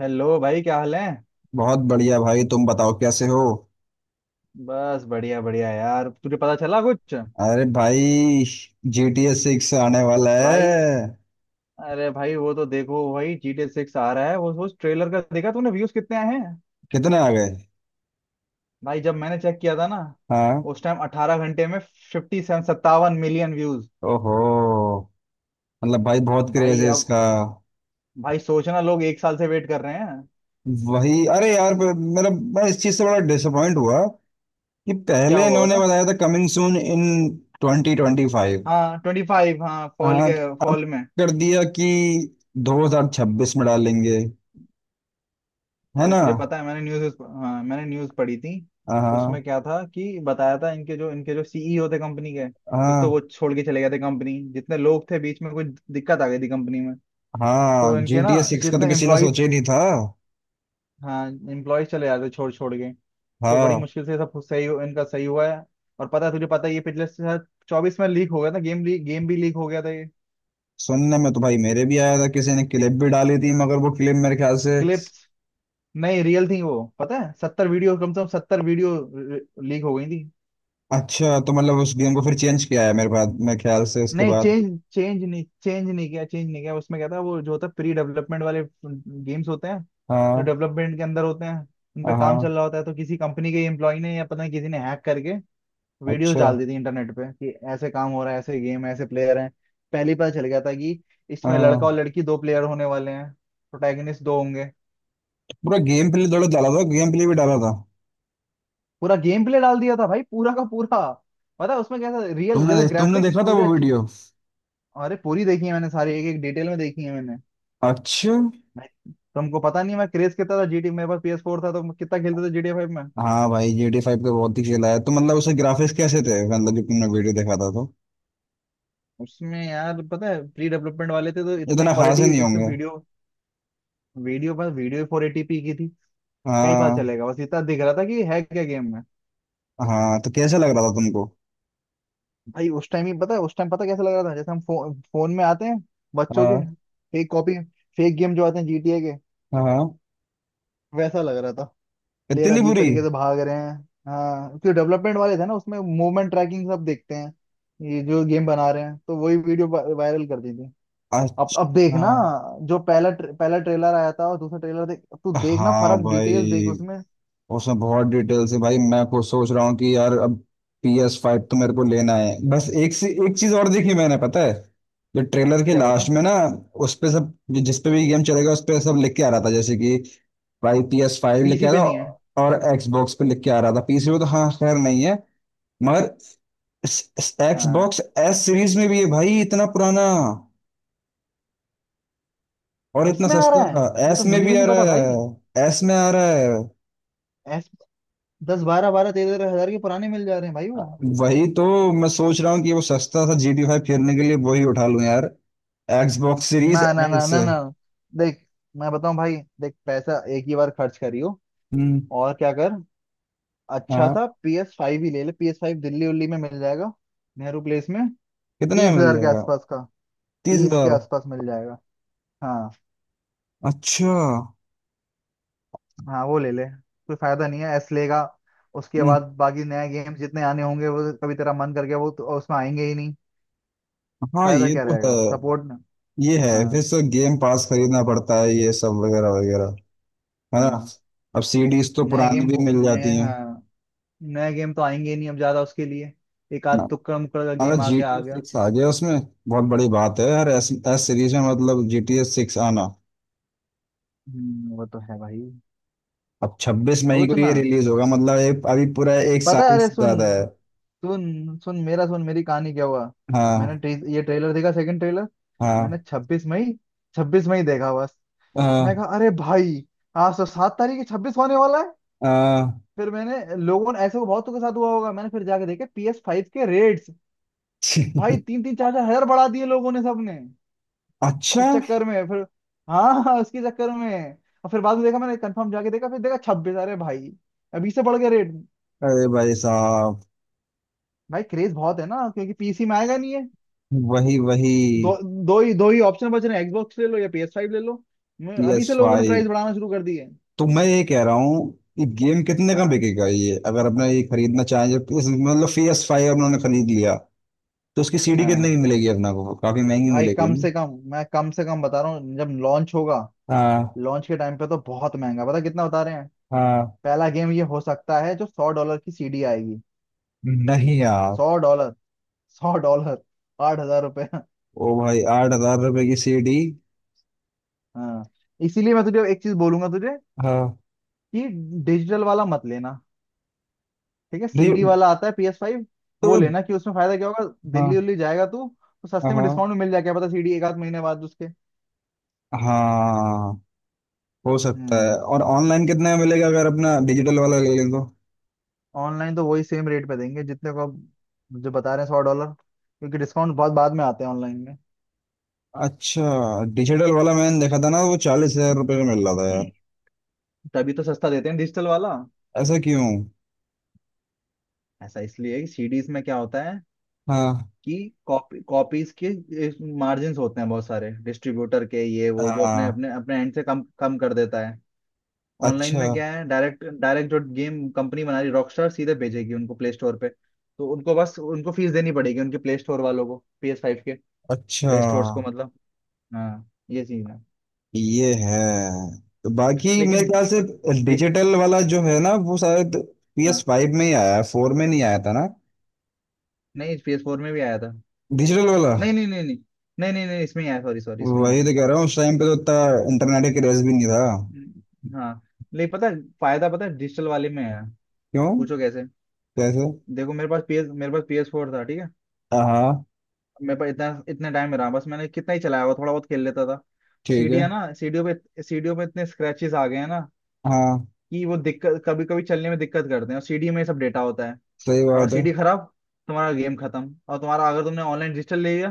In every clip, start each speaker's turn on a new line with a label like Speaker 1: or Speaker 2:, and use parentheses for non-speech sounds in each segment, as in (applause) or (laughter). Speaker 1: Hello भाई, क्या हाल है।
Speaker 2: बहुत बढ़िया भाई, तुम बताओ कैसे हो?
Speaker 1: बस बढ़िया बढ़िया यार, तुझे पता चला कुछ?
Speaker 2: अरे भाई, जी टी एस सिक्स आने वाला है।
Speaker 1: भाई, अरे भाई, वो तो देखो भाई, जी टी सिक्स आ रहा है। वो उस ट्रेलर का देखा तूने, व्यूज कितने आए हैं?
Speaker 2: कितने आ गए?
Speaker 1: भाई जब मैंने चेक किया था ना,
Speaker 2: हाँ।
Speaker 1: उस टाइम 18 घंटे में 57 57 मिलियन व्यूज।
Speaker 2: ओहो। मतलब भाई बहुत क्रेज
Speaker 1: भाई
Speaker 2: है इसका।
Speaker 1: अब, भाई सोचना, लोग एक साल से वेट कर रहे हैं।
Speaker 2: वही, अरे यार, मेरा... मैं इस चीज से बड़ा डिसअपॉइंट हुआ कि
Speaker 1: क्या
Speaker 2: पहले
Speaker 1: हुआ
Speaker 2: इन्होंने
Speaker 1: बता?
Speaker 2: बताया था कमिंग सून इन 2025।
Speaker 1: हाँ, 25, हाँ, फॉल
Speaker 2: हाँ
Speaker 1: के
Speaker 2: तो अब
Speaker 1: फॉल में।
Speaker 2: कर दिया कि 2026 में डालेंगे। है
Speaker 1: अरे
Speaker 2: ना?
Speaker 1: तुझे पता है, मैंने न्यूज, हाँ मैंने न्यूज पढ़ी थी।
Speaker 2: हाँ।
Speaker 1: उसमें क्या था कि बताया था, इनके जो सीईओ थे कंपनी के, एक तो
Speaker 2: हाँ।
Speaker 1: वो छोड़ के चले गए थे। कंपनी जितने लोग थे, बीच में कुछ दिक्कत आ गई थी कंपनी में।
Speaker 2: हाँ,
Speaker 1: तो
Speaker 2: जी
Speaker 1: इनके ना,
Speaker 2: टी एस सिक्स का तो
Speaker 1: जितने
Speaker 2: किसी ने
Speaker 1: एम्प्लॉयज,
Speaker 2: सोचा ही नहीं था।
Speaker 1: हाँ एम्प्लॉयज चले जाते छोड़ छोड़ के, तो बड़ी
Speaker 2: हाँ।
Speaker 1: मुश्किल से सब सही हो- इनका सही हुआ है। और पता है, तुझे पता है, ये पिछले शायद 24 में लीक हो गया था, गेम लीक, गेम भी लीक हो गया था ये।
Speaker 2: सुनने में तो भाई मेरे भी आया था, किसी ने क्लिप भी डाली थी, मगर वो क्लिप मेरे ख्याल से...
Speaker 1: क्लिप्स, नहीं रियल थी वो, पता है 70 वीडियो, कम से कम 70 वीडियो लीक हो गई थी।
Speaker 2: अच्छा, तो मतलब उस गेम को फिर चेंज किया है मेरे बाद, मेरे ख्याल से उसके
Speaker 1: नहीं
Speaker 2: बाद?
Speaker 1: चेंज, चेंज नहीं, चेंज नहीं किया, चेंज नहीं किया। उसमें क्या था, वो जो होता है प्री डेवलपमेंट वाले गेम्स होते हैं, जो
Speaker 2: हाँ।
Speaker 1: डेवलपमेंट के अंदर होते हैं, उन पे काम
Speaker 2: हाँ।
Speaker 1: चल रहा होता है, तो किसी कंपनी के एम्प्लॉय ने, या पता नहीं किसी ने, हैक करके वीडियोस
Speaker 2: अच्छा।
Speaker 1: डाल दी थी इंटरनेट पे कि ऐसे काम हो रहा है, ऐसे गेम है, ऐसे प्लेयर हैं। पहले ही पता चल गया था कि इसमें लड़का
Speaker 2: हाँ।
Speaker 1: और लड़की, दो प्लेयर होने वाले हैं। प्रोटैगनिस्ट दो होंगे।
Speaker 2: पूरा गेम प्ले थोड़ा डाला था, गेम प्ले भी डाला था?
Speaker 1: पूरा गेम प्ले डाल दिया था भाई, पूरा का पूरा। पता है उसमें कैसा रियल जैसे
Speaker 2: तुमने तुमने
Speaker 1: ग्राफिक्स,
Speaker 2: देखा था
Speaker 1: पूरे
Speaker 2: वो
Speaker 1: अच्छे।
Speaker 2: वीडियो?
Speaker 1: अरे पूरी देखी है मैंने सारी, एक एक डिटेल में देखी है मैंने।
Speaker 2: अच्छा।
Speaker 1: नहीं, तुमको पता नहीं मैं क्रेज कितना था। जीटी मेरे पास पीएस फोर था, तो मैं कितना खेलते थे जीटी फाइव में।
Speaker 2: हाँ भाई, जी टी फाइव का बहुत ही खेला है, तो मतलब उसके ग्राफिक्स कैसे थे, मतलब जो तुमने वीडियो देखा था तो?
Speaker 1: उसमें यार पता है प्री डेवलपमेंट वाले थे, तो इतना
Speaker 2: इतना खास ही
Speaker 1: क्वालिटी,
Speaker 2: नहीं
Speaker 1: एक तो
Speaker 2: होंगे।
Speaker 1: वीडियो, वीडियो पर वीडियो 480p की थी। क्या ही पता
Speaker 2: हाँ।
Speaker 1: चलेगा, बस इतना दिख रहा था कि है क्या गेम में।
Speaker 2: हाँ तो कैसा लग रहा था तुमको?
Speaker 1: भाई उस टाइम ही पता है, उस टाइम पता कैसा लग रहा था, जैसे हम फोन में आते हैं बच्चों के,
Speaker 2: हाँ।
Speaker 1: फेक कॉपी, फेक गेम जो आते हैं जीटीए के,
Speaker 2: हाँ।
Speaker 1: वैसा लग रहा था। प्लेयर
Speaker 2: इतनी
Speaker 1: अजीब
Speaker 2: बुरी?
Speaker 1: तरीके से भाग रहे हैं। हाँ, क्योंकि डेवलपमेंट वाले थे ना, उसमें मूवमेंट ट्रैकिंग सब देखते हैं ये जो गेम बना रहे हैं, तो वही वीडियो वायरल कर दी थी। अब
Speaker 2: अच्छा।
Speaker 1: देखना, जो पहला पहला ट्रेलर आया था, और दूसरा ट्रेलर, देख अब तू देखना
Speaker 2: हाँ
Speaker 1: फर्क, डिटेल्स देख
Speaker 2: भाई
Speaker 1: उसमें।
Speaker 2: उसमें बहुत डिटेल से, भाई मैं खुद सोच रहा हूँ कि यार अब पी एस फाइव तो मेरे को लेना है। बस एक से एक चीज और देखी मैंने, पता है? जो ट्रेलर के
Speaker 1: क्या
Speaker 2: लास्ट
Speaker 1: बता?
Speaker 2: में ना, उस पे सब, जिस पे भी गेम चलेगा उस पे सब लिख के आ रहा था, जैसे कि भाई पी एस फाइव लिख के
Speaker 1: पीसी
Speaker 2: आ
Speaker 1: पे
Speaker 2: रहा,
Speaker 1: नहीं है।
Speaker 2: और Xbox पे लिख के आ रहा था, पीसी पे तो हाँ खैर नहीं है। मगर
Speaker 1: हाँ,
Speaker 2: Xbox एस सीरीज में भी है भाई, इतना पुराना और
Speaker 1: एस
Speaker 2: इतना
Speaker 1: में आ रहा
Speaker 2: सस्ता।
Speaker 1: है। ये
Speaker 2: एस
Speaker 1: तो
Speaker 2: में
Speaker 1: मुझे
Speaker 2: भी
Speaker 1: भी
Speaker 2: आ
Speaker 1: नहीं पता
Speaker 2: रहा
Speaker 1: भाई,
Speaker 2: है, एस में आ रहा है।
Speaker 1: एस। दस, बारह बारह, तेरह तेरह हजार के पुराने मिल जा रहे हैं भाई वो।
Speaker 2: वही तो, मैं सोच रहा हूँ कि वो सस्ता सा जी टी फाइव खेलने के लिए वही उठा लूँ यार, एक्सबॉक्स सीरीज
Speaker 1: ना, ना, ना,
Speaker 2: एक्स।
Speaker 1: ना, ना। देख मैं बताऊं भाई, देख पैसा एक ही बार खर्च करियो,
Speaker 2: हम्म।
Speaker 1: और क्या कर। अच्छा
Speaker 2: हाँ।
Speaker 1: सा पी एस फाइव ही ले ले। पी एस फाइव दिल्ली उल्ली में मिल जाएगा, नेहरू प्लेस में।
Speaker 2: कितने
Speaker 1: तीस
Speaker 2: में मिल
Speaker 1: हजार के
Speaker 2: जाएगा?
Speaker 1: आसपास का,
Speaker 2: तीस
Speaker 1: 30 के
Speaker 2: हजार
Speaker 1: आसपास मिल जाएगा, हाँ।
Speaker 2: अच्छा।
Speaker 1: हाँ, वो ले ले, कोई फायदा नहीं है एस लेगा। उसके
Speaker 2: हम्म,
Speaker 1: बाद बाकी नए गेम जितने आने होंगे वो, कभी तेरा मन कर गया, वो तो उसमें आएंगे ही नहीं।
Speaker 2: हाँ
Speaker 1: फायदा
Speaker 2: ये
Speaker 1: क्या
Speaker 2: तो है।
Speaker 1: रहेगा, सपोर्ट।
Speaker 2: ये है, फिर
Speaker 1: हाँ,
Speaker 2: से गेम पास खरीदना पड़ता है, ये सब वगैरह वगैरह। है ना?
Speaker 1: हाँ।
Speaker 2: अब सीडीज तो
Speaker 1: नए
Speaker 2: पुरानी
Speaker 1: गेम,
Speaker 2: भी मिल
Speaker 1: नए,
Speaker 2: जाती हैं।
Speaker 1: हाँ, नए गेम तो आएंगे ही नहीं अब ज्यादा उसके लिए, एक आध
Speaker 2: हाँ,
Speaker 1: तुक्कड़ मुक्कड़ का
Speaker 2: अगर
Speaker 1: गेम आ
Speaker 2: जी
Speaker 1: गया
Speaker 2: टी
Speaker 1: आ
Speaker 2: ए
Speaker 1: गया।
Speaker 2: सिक्स आ गया उसमें बहुत बड़ी बात है यार। एस, एस सीरीज में मतलब जी टी ए सिक्स आना!
Speaker 1: हम्म, वो तो है भाई।
Speaker 2: अब 26 मई को ये
Speaker 1: सोचना,
Speaker 2: रिलीज होगा मतलब एक... अभी पूरा एक
Speaker 1: पता है,
Speaker 2: साल
Speaker 1: अरे
Speaker 2: से
Speaker 1: सुन,
Speaker 2: ज्यादा है।
Speaker 1: सुन सुन, मेरा सुन, मेरी कहानी क्या हुआ। मैंने
Speaker 2: हाँ।
Speaker 1: ये ट्रेलर देखा, सेकंड ट्रेलर। मैंने
Speaker 2: हाँ।
Speaker 1: 26 मई, 26 मई देखा बस। मैं
Speaker 2: हाँ।
Speaker 1: कहा अरे भाई, आज तो 7 तारीख है, 26 होने वाला है।
Speaker 2: हाँ।
Speaker 1: फिर मैंने, लोगों ने ऐसे बहुत के साथ हुआ होगा, मैंने फिर जाके देखे पी एस फाइव के रेट्स। भाई
Speaker 2: (laughs)
Speaker 1: तीन तीन, चार चार हजार बढ़ा दिए लोगों ने, सबने।
Speaker 2: अच्छा।
Speaker 1: इस चक्कर में फिर, हाँ हाँ, उसके चक्कर में। और फिर बाद में देखा मैंने, कंफर्म जाके देखा, फिर देखा 26, अरे भाई अभी से बढ़ गया रेट।
Speaker 2: अरे भाई साहब!
Speaker 1: भाई क्रेज बहुत है ना, क्योंकि पीसी में आएगा नहीं है।
Speaker 2: वही वही।
Speaker 1: दो दो ही ऑप्शन बच रहे हैं, एक्सबॉक्स ले लो या पी एस फाइव ले लो।
Speaker 2: पी
Speaker 1: अभी
Speaker 2: एस
Speaker 1: से लोगों ने
Speaker 2: फाइव?
Speaker 1: प्राइस बढ़ाना शुरू कर दिए।
Speaker 2: तो मैं ये कह रहा हूँ, ये गेम कितने का
Speaker 1: हाँ,
Speaker 2: बिकेगा ये, अगर अपना ये खरीदना चाहें, जब मतलब पी एस फाइव उन्होंने खरीद लिया तो उसकी सीडी कितने
Speaker 1: हाँ।
Speaker 2: की मिलेगी? अपना को काफी महंगी
Speaker 1: भाई
Speaker 2: मिलेगी
Speaker 1: कम
Speaker 2: ना?
Speaker 1: से कम, मैं कम से कम बता रहा हूँ, जब लॉन्च होगा,
Speaker 2: हाँ।
Speaker 1: लॉन्च के टाइम पे तो बहुत महंगा, पता कितना बता रहे हैं।
Speaker 2: हाँ।
Speaker 1: पहला गेम ये हो सकता है जो $100 की सीडी आएगी,
Speaker 2: नहीं यार।
Speaker 1: $100, $100, ₹8,000।
Speaker 2: ओ भाई 8,000 रुपए की सीडी?
Speaker 1: हाँ, इसीलिए मैं तुझे एक चीज बोलूंगा, तुझे,
Speaker 2: हाँ।
Speaker 1: कि डिजिटल वाला मत लेना। ठीक है,
Speaker 2: नहीं।
Speaker 1: सीडी वाला आता है पीएस फाइव, वो लेना। कि उसमें फायदा क्या होगा,
Speaker 2: तो?
Speaker 1: दिल्ली उल्ली जाएगा तू, तो
Speaker 2: हाँ।
Speaker 1: सस्ते में,
Speaker 2: हाँ।
Speaker 1: डिस्काउंट में मिल जाएगा, क्या पता सीडी, एक आध महीने बाद उसके।
Speaker 2: हाँ, हो सकता है।
Speaker 1: हम्म।
Speaker 2: और ऑनलाइन कितने में मिलेगा, अगर अपना डिजिटल वाला ले लें तो?
Speaker 1: ऑनलाइन तो वही सेम रेट पे देंगे, जितने को आप, जो बता रहे हैं, $100, क्योंकि डिस्काउंट बहुत बाद में आते हैं ऑनलाइन में।
Speaker 2: अच्छा। डिजिटल वाला मैंने देखा था ना, वो 40,000 रुपये का मिल रहा था यार।
Speaker 1: तभी तो सस्ता देते हैं डिजिटल वाला।
Speaker 2: ऐसा क्यों?
Speaker 1: ऐसा इसलिए है कि सीडीज में क्या होता है,
Speaker 2: हाँ।
Speaker 1: कि कॉपीज के मार्जिन होते हैं। बहुत सारे डिस्ट्रीब्यूटर के ये वो, जो अपने
Speaker 2: हाँ।
Speaker 1: अपने अपने एंड से कम कम कर देता है। ऑनलाइन
Speaker 2: अच्छा।
Speaker 1: में क्या है, डायरेक्ट डायरेक्ट जो गेम कंपनी बना रही रॉकस्टार, सीधे भेजेगी उनको प्ले स्टोर पे। तो उनको फीस देनी पड़ेगी, उनके प्ले स्टोर वालों को, PS5 के
Speaker 2: अच्छा।
Speaker 1: प्ले स्टोर्स को, मतलब। हाँ, ये चीज।
Speaker 2: ये है। तो बाकी मेरे
Speaker 1: लेकिन
Speaker 2: ख्याल से
Speaker 1: डि-
Speaker 2: डिजिटल वाला जो है ना वो शायद पी एस
Speaker 1: हाँ,
Speaker 2: फाइव में ही आया है, फोर में नहीं आया था ना?
Speaker 1: नहीं, पी एस फोर में भी आया था।
Speaker 2: डिजिटल वाला?
Speaker 1: नहीं, नहीं, नहीं, नहीं, नहीं, नहीं, नहीं, इसमें ही आया, सॉरी सॉरी, इसमें ही
Speaker 2: वही
Speaker 1: आया।
Speaker 2: तो कह रहा हूँ, उस टाइम पे तो इतना इंटरनेट का क्रेज भी नहीं था।
Speaker 1: हाँ। लेकिन पता है, फायदा पता है डिजिटल वाले में है।
Speaker 2: क्यों?
Speaker 1: पूछो कैसे?
Speaker 2: कैसे?
Speaker 1: देखो मेरे पास पीएस फोर था, ठीक है।
Speaker 2: हाँ।
Speaker 1: मेरे पास इतना इतने टाइम में रहा, बस मैंने कितना ही चलाया हुआ, थोड़ा बहुत खेल लेता था।
Speaker 2: ठीक है।
Speaker 1: सीढ़ियाँ ना सीढ़ियों पे इतने स्क्रैचेस आ गए हैं ना,
Speaker 2: हाँ,
Speaker 1: कि वो दिक्कत कभी कभी चलने में दिक्कत करते हैं, और सीढ़ी में सब डेटा होता है।
Speaker 2: सही
Speaker 1: अगर
Speaker 2: बात है।
Speaker 1: सीडी खराब, तुम्हारा गेम खत्म। और तुम्हारा, अगर तुमने ऑनलाइन डिजिटल ले लिया,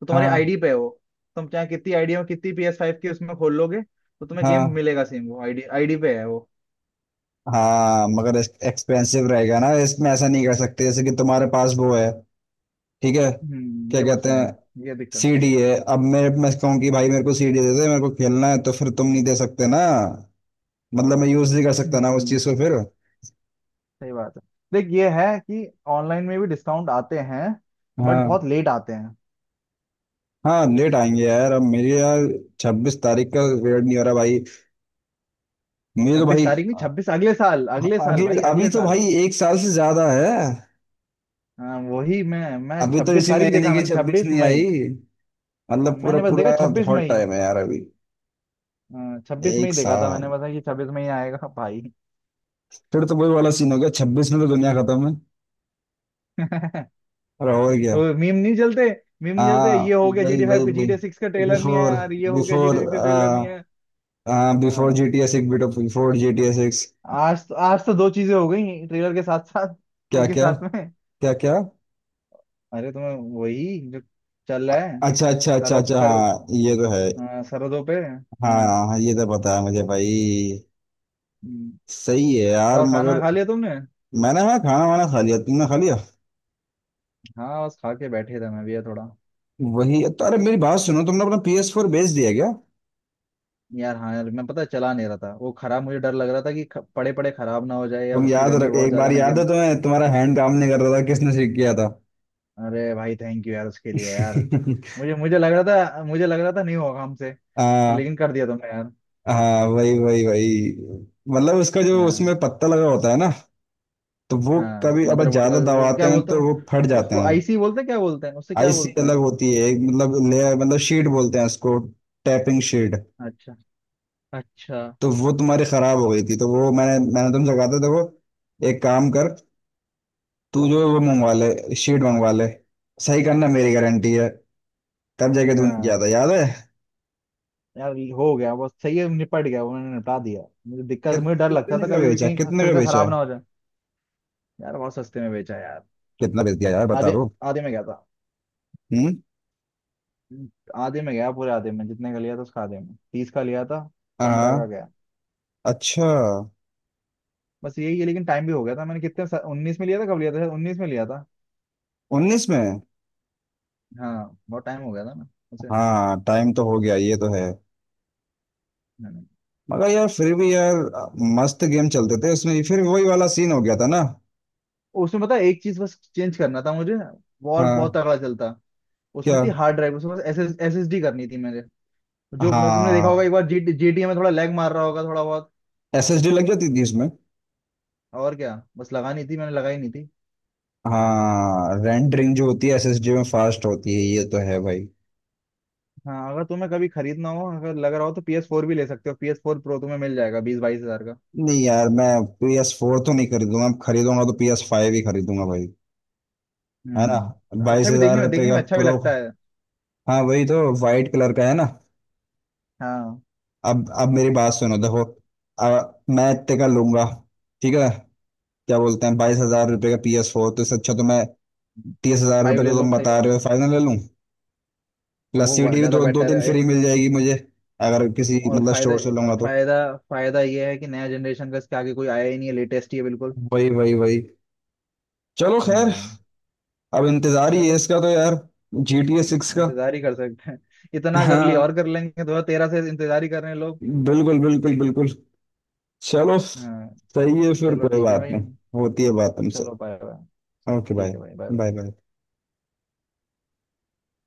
Speaker 1: तो तुम्हारी
Speaker 2: हाँ।
Speaker 1: आईडी पे है वो। तुम चाहे कितनी आईडी में, कितनी पी एस फाइव की उसमें खोल लोगे, तो तुम्हें गेम
Speaker 2: हाँ।
Speaker 1: मिलेगा सेम, वो आईडी, आईडी पे है वो।
Speaker 2: हाँ मगर एक्सपेंसिव रहेगा ना, इसमें ऐसा नहीं कर सकते जैसे कि तुम्हारे पास वो है। ठीक है।
Speaker 1: हम्म,
Speaker 2: क्या
Speaker 1: ये बात
Speaker 2: कहते
Speaker 1: सही है।
Speaker 2: हैं?
Speaker 1: ये दिक्कत।
Speaker 2: सीडी है अब, मैं कहूँ कि भाई मेरे को सीडी दे दे, मेरे को खेलना है तो फिर तुम नहीं दे सकते ना? मतलब मैं यूज नहीं कर सकता ना उस
Speaker 1: हम्म,
Speaker 2: चीज को फिर।
Speaker 1: सही बात है। देख ये है कि ऑनलाइन में भी डिस्काउंट आते हैं, बट
Speaker 2: हाँ।
Speaker 1: बहुत लेट आते हैं।
Speaker 2: हाँ लेट आएंगे यार। अब मेरी यार, छब्बीस तारीख का वेट नहीं हो रहा भाई। मुझे तो
Speaker 1: छब्बीस
Speaker 2: भाई...
Speaker 1: तारीख नहीं, 26 अगले साल, अगले साल
Speaker 2: अगले,
Speaker 1: भाई,
Speaker 2: अभी
Speaker 1: अगले
Speaker 2: तो
Speaker 1: साल।
Speaker 2: भाई एक साल से ज्यादा है।
Speaker 1: हाँ, वही, मैं
Speaker 2: अभी तो
Speaker 1: छब्बीस
Speaker 2: इसी
Speaker 1: तारीख
Speaker 2: महीने
Speaker 1: देखा,
Speaker 2: की
Speaker 1: मैंने
Speaker 2: छब्बीस
Speaker 1: छब्बीस
Speaker 2: नहीं आई,
Speaker 1: मई। हाँ,
Speaker 2: मतलब पूरा
Speaker 1: मैंने बस देखा
Speaker 2: पूरा
Speaker 1: छब्बीस
Speaker 2: बहुत
Speaker 1: मई
Speaker 2: टाइम है यार अभी।
Speaker 1: हाँ, 26 में
Speaker 2: एक
Speaker 1: ही देखा था मैंने,
Speaker 2: साल।
Speaker 1: पता कि 26 में ही आएगा भाई।
Speaker 2: फिर तो वही वाला सीन हो गया, छब्बीस में तो दुनिया खत्म है।
Speaker 1: (laughs)
Speaker 2: और क्या।
Speaker 1: वो मीम नहीं चलते, मीम नहीं चलते, ये
Speaker 2: हाँ
Speaker 1: हो गया
Speaker 2: वही
Speaker 1: GTA 5
Speaker 2: वही
Speaker 1: के,
Speaker 2: वही।
Speaker 1: GTA 6 का ट्रेलर नहीं आया
Speaker 2: बिफोर।
Speaker 1: यार, ये हो गया
Speaker 2: बिफोर।
Speaker 1: GTA 6 का ट्रेलर नहीं आया।
Speaker 2: हाँ बिफोर जी
Speaker 1: हाँ।
Speaker 2: टी एस सिक्स, बिट before G T A six.
Speaker 1: आज तो दो चीजें हो गई ट्रेलर के साथ साथ,
Speaker 2: क्या
Speaker 1: एक ही
Speaker 2: क्या?
Speaker 1: साथ में।
Speaker 2: क्या क्या?
Speaker 1: अरे तुम्हें, वही जो चल
Speaker 2: अ-
Speaker 1: रहा है।
Speaker 2: अच्छा अच्छा अच्छा
Speaker 1: सरहद
Speaker 2: अच्छा,
Speaker 1: सर
Speaker 2: हाँ ये तो है।
Speaker 1: हाँ, सरहदों पे, हाँ।
Speaker 2: हाँ हाँ ये तो पता है मुझे भाई।
Speaker 1: हम्म।
Speaker 2: सही है यार,
Speaker 1: और खाना
Speaker 2: मगर...
Speaker 1: खा लिया तुमने?
Speaker 2: मैंने, हाँ, खाना वाना खा लिया, तुमने खा लिया?
Speaker 1: हाँ, बस खा के बैठे थे, मैं भी यार थोड़ा।
Speaker 2: वही तो। अरे मेरी बात सुनो, तुमने अपना पी एस फोर बेच दिया?
Speaker 1: यार, हाँ यार, मैं पता है चला नहीं रहा था वो, खराब, मुझे डर लग रहा था कि पड़े पड़े खराब ना हो जाए, या
Speaker 2: तुम
Speaker 1: उसकी
Speaker 2: याद
Speaker 1: वैल्यू
Speaker 2: रख,
Speaker 1: बहुत
Speaker 2: एक बार
Speaker 1: ज्यादा ना
Speaker 2: याद
Speaker 1: गिर।
Speaker 2: है तुम्हें तुम्हारा हैंड काम नहीं कर रहा था, किसने ठीक किया था?
Speaker 1: अरे भाई थैंक यू यार उसके लिए यार।
Speaker 2: (laughs)
Speaker 1: मुझे मुझे लग रहा था मुझे लग रहा था नहीं होगा हमसे। तो
Speaker 2: हाँ।
Speaker 1: लेकिन कर दिया तुमने यार।
Speaker 2: हाँ वही वही वही, मतलब उसका जो
Speaker 1: हाँ।
Speaker 2: उसमें पत्ता लगा होता है ना, तो वो
Speaker 1: हाँ,
Speaker 2: कभी अब
Speaker 1: मदरबोर्ड का
Speaker 2: ज्यादा
Speaker 1: वो
Speaker 2: दबाते
Speaker 1: क्या
Speaker 2: हैं
Speaker 1: बोलते
Speaker 2: तो
Speaker 1: हैं
Speaker 2: वो फट जाते
Speaker 1: उसको,
Speaker 2: हैं।
Speaker 1: आईसी बोलते हैं, क्या बोलते हैं उससे, क्या
Speaker 2: आईसी
Speaker 1: बोलते
Speaker 2: अलग
Speaker 1: हैं।
Speaker 2: होती है, एक मतलब लेयर, मतलब शीट बोलते हैं उसको, टैपिंग शीट।
Speaker 1: अच्छा, अच्छा।
Speaker 2: तो वो तुम्हारी खराब हो गई थी, तो वो मैंने मैंने तुमसे कहा था, देखो एक काम कर, तू जो वो मंगवा ले, शीट मंगवा ले, सही करना मेरी गारंटी है, तब जाके तूने किया था
Speaker 1: हाँ
Speaker 2: याद है?
Speaker 1: यार, ये हो गया बस, सही है, निपट गया, उन्होंने निपटा दिया। मुझे दिक्कत,
Speaker 2: कित,
Speaker 1: मुझे डर लगता
Speaker 2: कितने
Speaker 1: था
Speaker 2: का
Speaker 1: कभी कभी
Speaker 2: बेचा?
Speaker 1: कहीं
Speaker 2: कितने
Speaker 1: फिर
Speaker 2: का
Speaker 1: से
Speaker 2: बेचा
Speaker 1: खराब ना
Speaker 2: है?
Speaker 1: हो जाए। यार बहुत सस्ते में बेचा यार।
Speaker 2: कितना बेच दिया यार, बता
Speaker 1: आधे
Speaker 2: दो।
Speaker 1: आधे में गया था,
Speaker 2: हम्म।
Speaker 1: आधे में गया, पूरे आधे में, जितने का लिया था उसका आधे में, 30 का लिया था, 15 का
Speaker 2: हाँ।
Speaker 1: गया।
Speaker 2: अच्छा।
Speaker 1: बस यही है। लेकिन टाइम भी हो गया था, मैंने कितने, 19 में लिया था, कब लिया था, शायद 19 में लिया था।
Speaker 2: 19 में?
Speaker 1: हाँ बहुत टाइम हो गया था ना उसे।
Speaker 2: हाँ टाइम तो हो गया, ये तो है।
Speaker 1: मैंने।
Speaker 2: मगर यार फिर भी यार, मस्त गेम चलते थे उसमें, फिर वही वाला सीन हो गया था ना।
Speaker 1: उसमें पता है, एक चीज बस चेंज करना था मुझे, और बहुत
Speaker 2: हाँ।
Speaker 1: तगड़ा चलता।
Speaker 2: क्या?
Speaker 1: उसमें थी हार्ड ड्राइव, उसमें बस एस एस एस डी करनी थी मेरे। जो मैं, तुमने देखा होगा
Speaker 2: हाँ
Speaker 1: एक बार जी जी में थोड़ा लैग मार रहा होगा थोड़ा बहुत,
Speaker 2: एसएसडी लग जाती थी इसमें?
Speaker 1: और क्या, बस लगानी थी मैंने, लगाई नहीं थी।
Speaker 2: हाँ, रेंडरिंग जो होती है एसएसडी में फास्ट होती है, ये तो है भाई।
Speaker 1: हाँ, अगर तुम्हें कभी खरीदना हो, अगर लग रहा हो, तो PS4 भी ले सकते हो, PS4 Pro तुम्हें मिल जाएगा 20-22 हजार का।
Speaker 2: नहीं यार मैं PS4 फोर तो नहीं खरीदूंगा, खरीदूंगा तो PS5 फाइव ही खरीदूंगा भाई। है ना?
Speaker 1: हम्म,
Speaker 2: बाईस
Speaker 1: अच्छा भी
Speaker 2: हजार
Speaker 1: देखने में,
Speaker 2: रुपये
Speaker 1: देखने
Speaker 2: का
Speaker 1: में अच्छा भी
Speaker 2: प्रो?
Speaker 1: लगता है।
Speaker 2: हाँ वही तो, वाइट कलर का है ना?
Speaker 1: हाँ,
Speaker 2: अब मेरी बात सुनो देखो, मैं इतने का लूंगा, ठीक है? क्या बोलते हैं, 22,000 रुपये का पी एस फोर, तो इससे अच्छा तो मैं तीस हजार
Speaker 1: फाइव
Speaker 2: रुपये का
Speaker 1: ले
Speaker 2: तो
Speaker 1: लो,
Speaker 2: तुम
Speaker 1: सही
Speaker 2: बता
Speaker 1: बात
Speaker 2: रहे
Speaker 1: है।
Speaker 2: हो, फाइनल ले लूँ। प्लस
Speaker 1: वो
Speaker 2: सीडी भी
Speaker 1: ज्यादा
Speaker 2: दो दो
Speaker 1: बेटर
Speaker 2: तीन
Speaker 1: है।
Speaker 2: फ्री मिल जाएगी मुझे, अगर किसी
Speaker 1: और
Speaker 2: मतलब स्टोर से
Speaker 1: फायदा,
Speaker 2: लूंगा तो।
Speaker 1: फायदा फायदा ये है कि नया जनरेशन का इसके आगे कोई आया ही नहीं है, लेटेस्ट ही है बिल्कुल।
Speaker 2: वही वही वही। चलो खैर,
Speaker 1: हाँ,
Speaker 2: अब इंतजार ही है
Speaker 1: चलो,
Speaker 2: इसका तो यार, जी टी ए सिक्स का।
Speaker 1: इंतजार ही कर सकते हैं। (laughs) इतना कर लिया और
Speaker 2: हाँ
Speaker 1: कर लेंगे, 2013 से इंतजार ही कर रहे हैं लोग।
Speaker 2: बिल्कुल बिल्कुल बिल्कुल। चलो
Speaker 1: हाँ,
Speaker 2: सही है, फिर
Speaker 1: चलो
Speaker 2: कोई
Speaker 1: ठीक है
Speaker 2: बात
Speaker 1: भैया।
Speaker 2: नहीं। होती है बात तुमसे।
Speaker 1: चलो बाय बाय।
Speaker 2: Okay bye.
Speaker 1: ठीक है भाई, बाय बाय।
Speaker 2: Bye bye.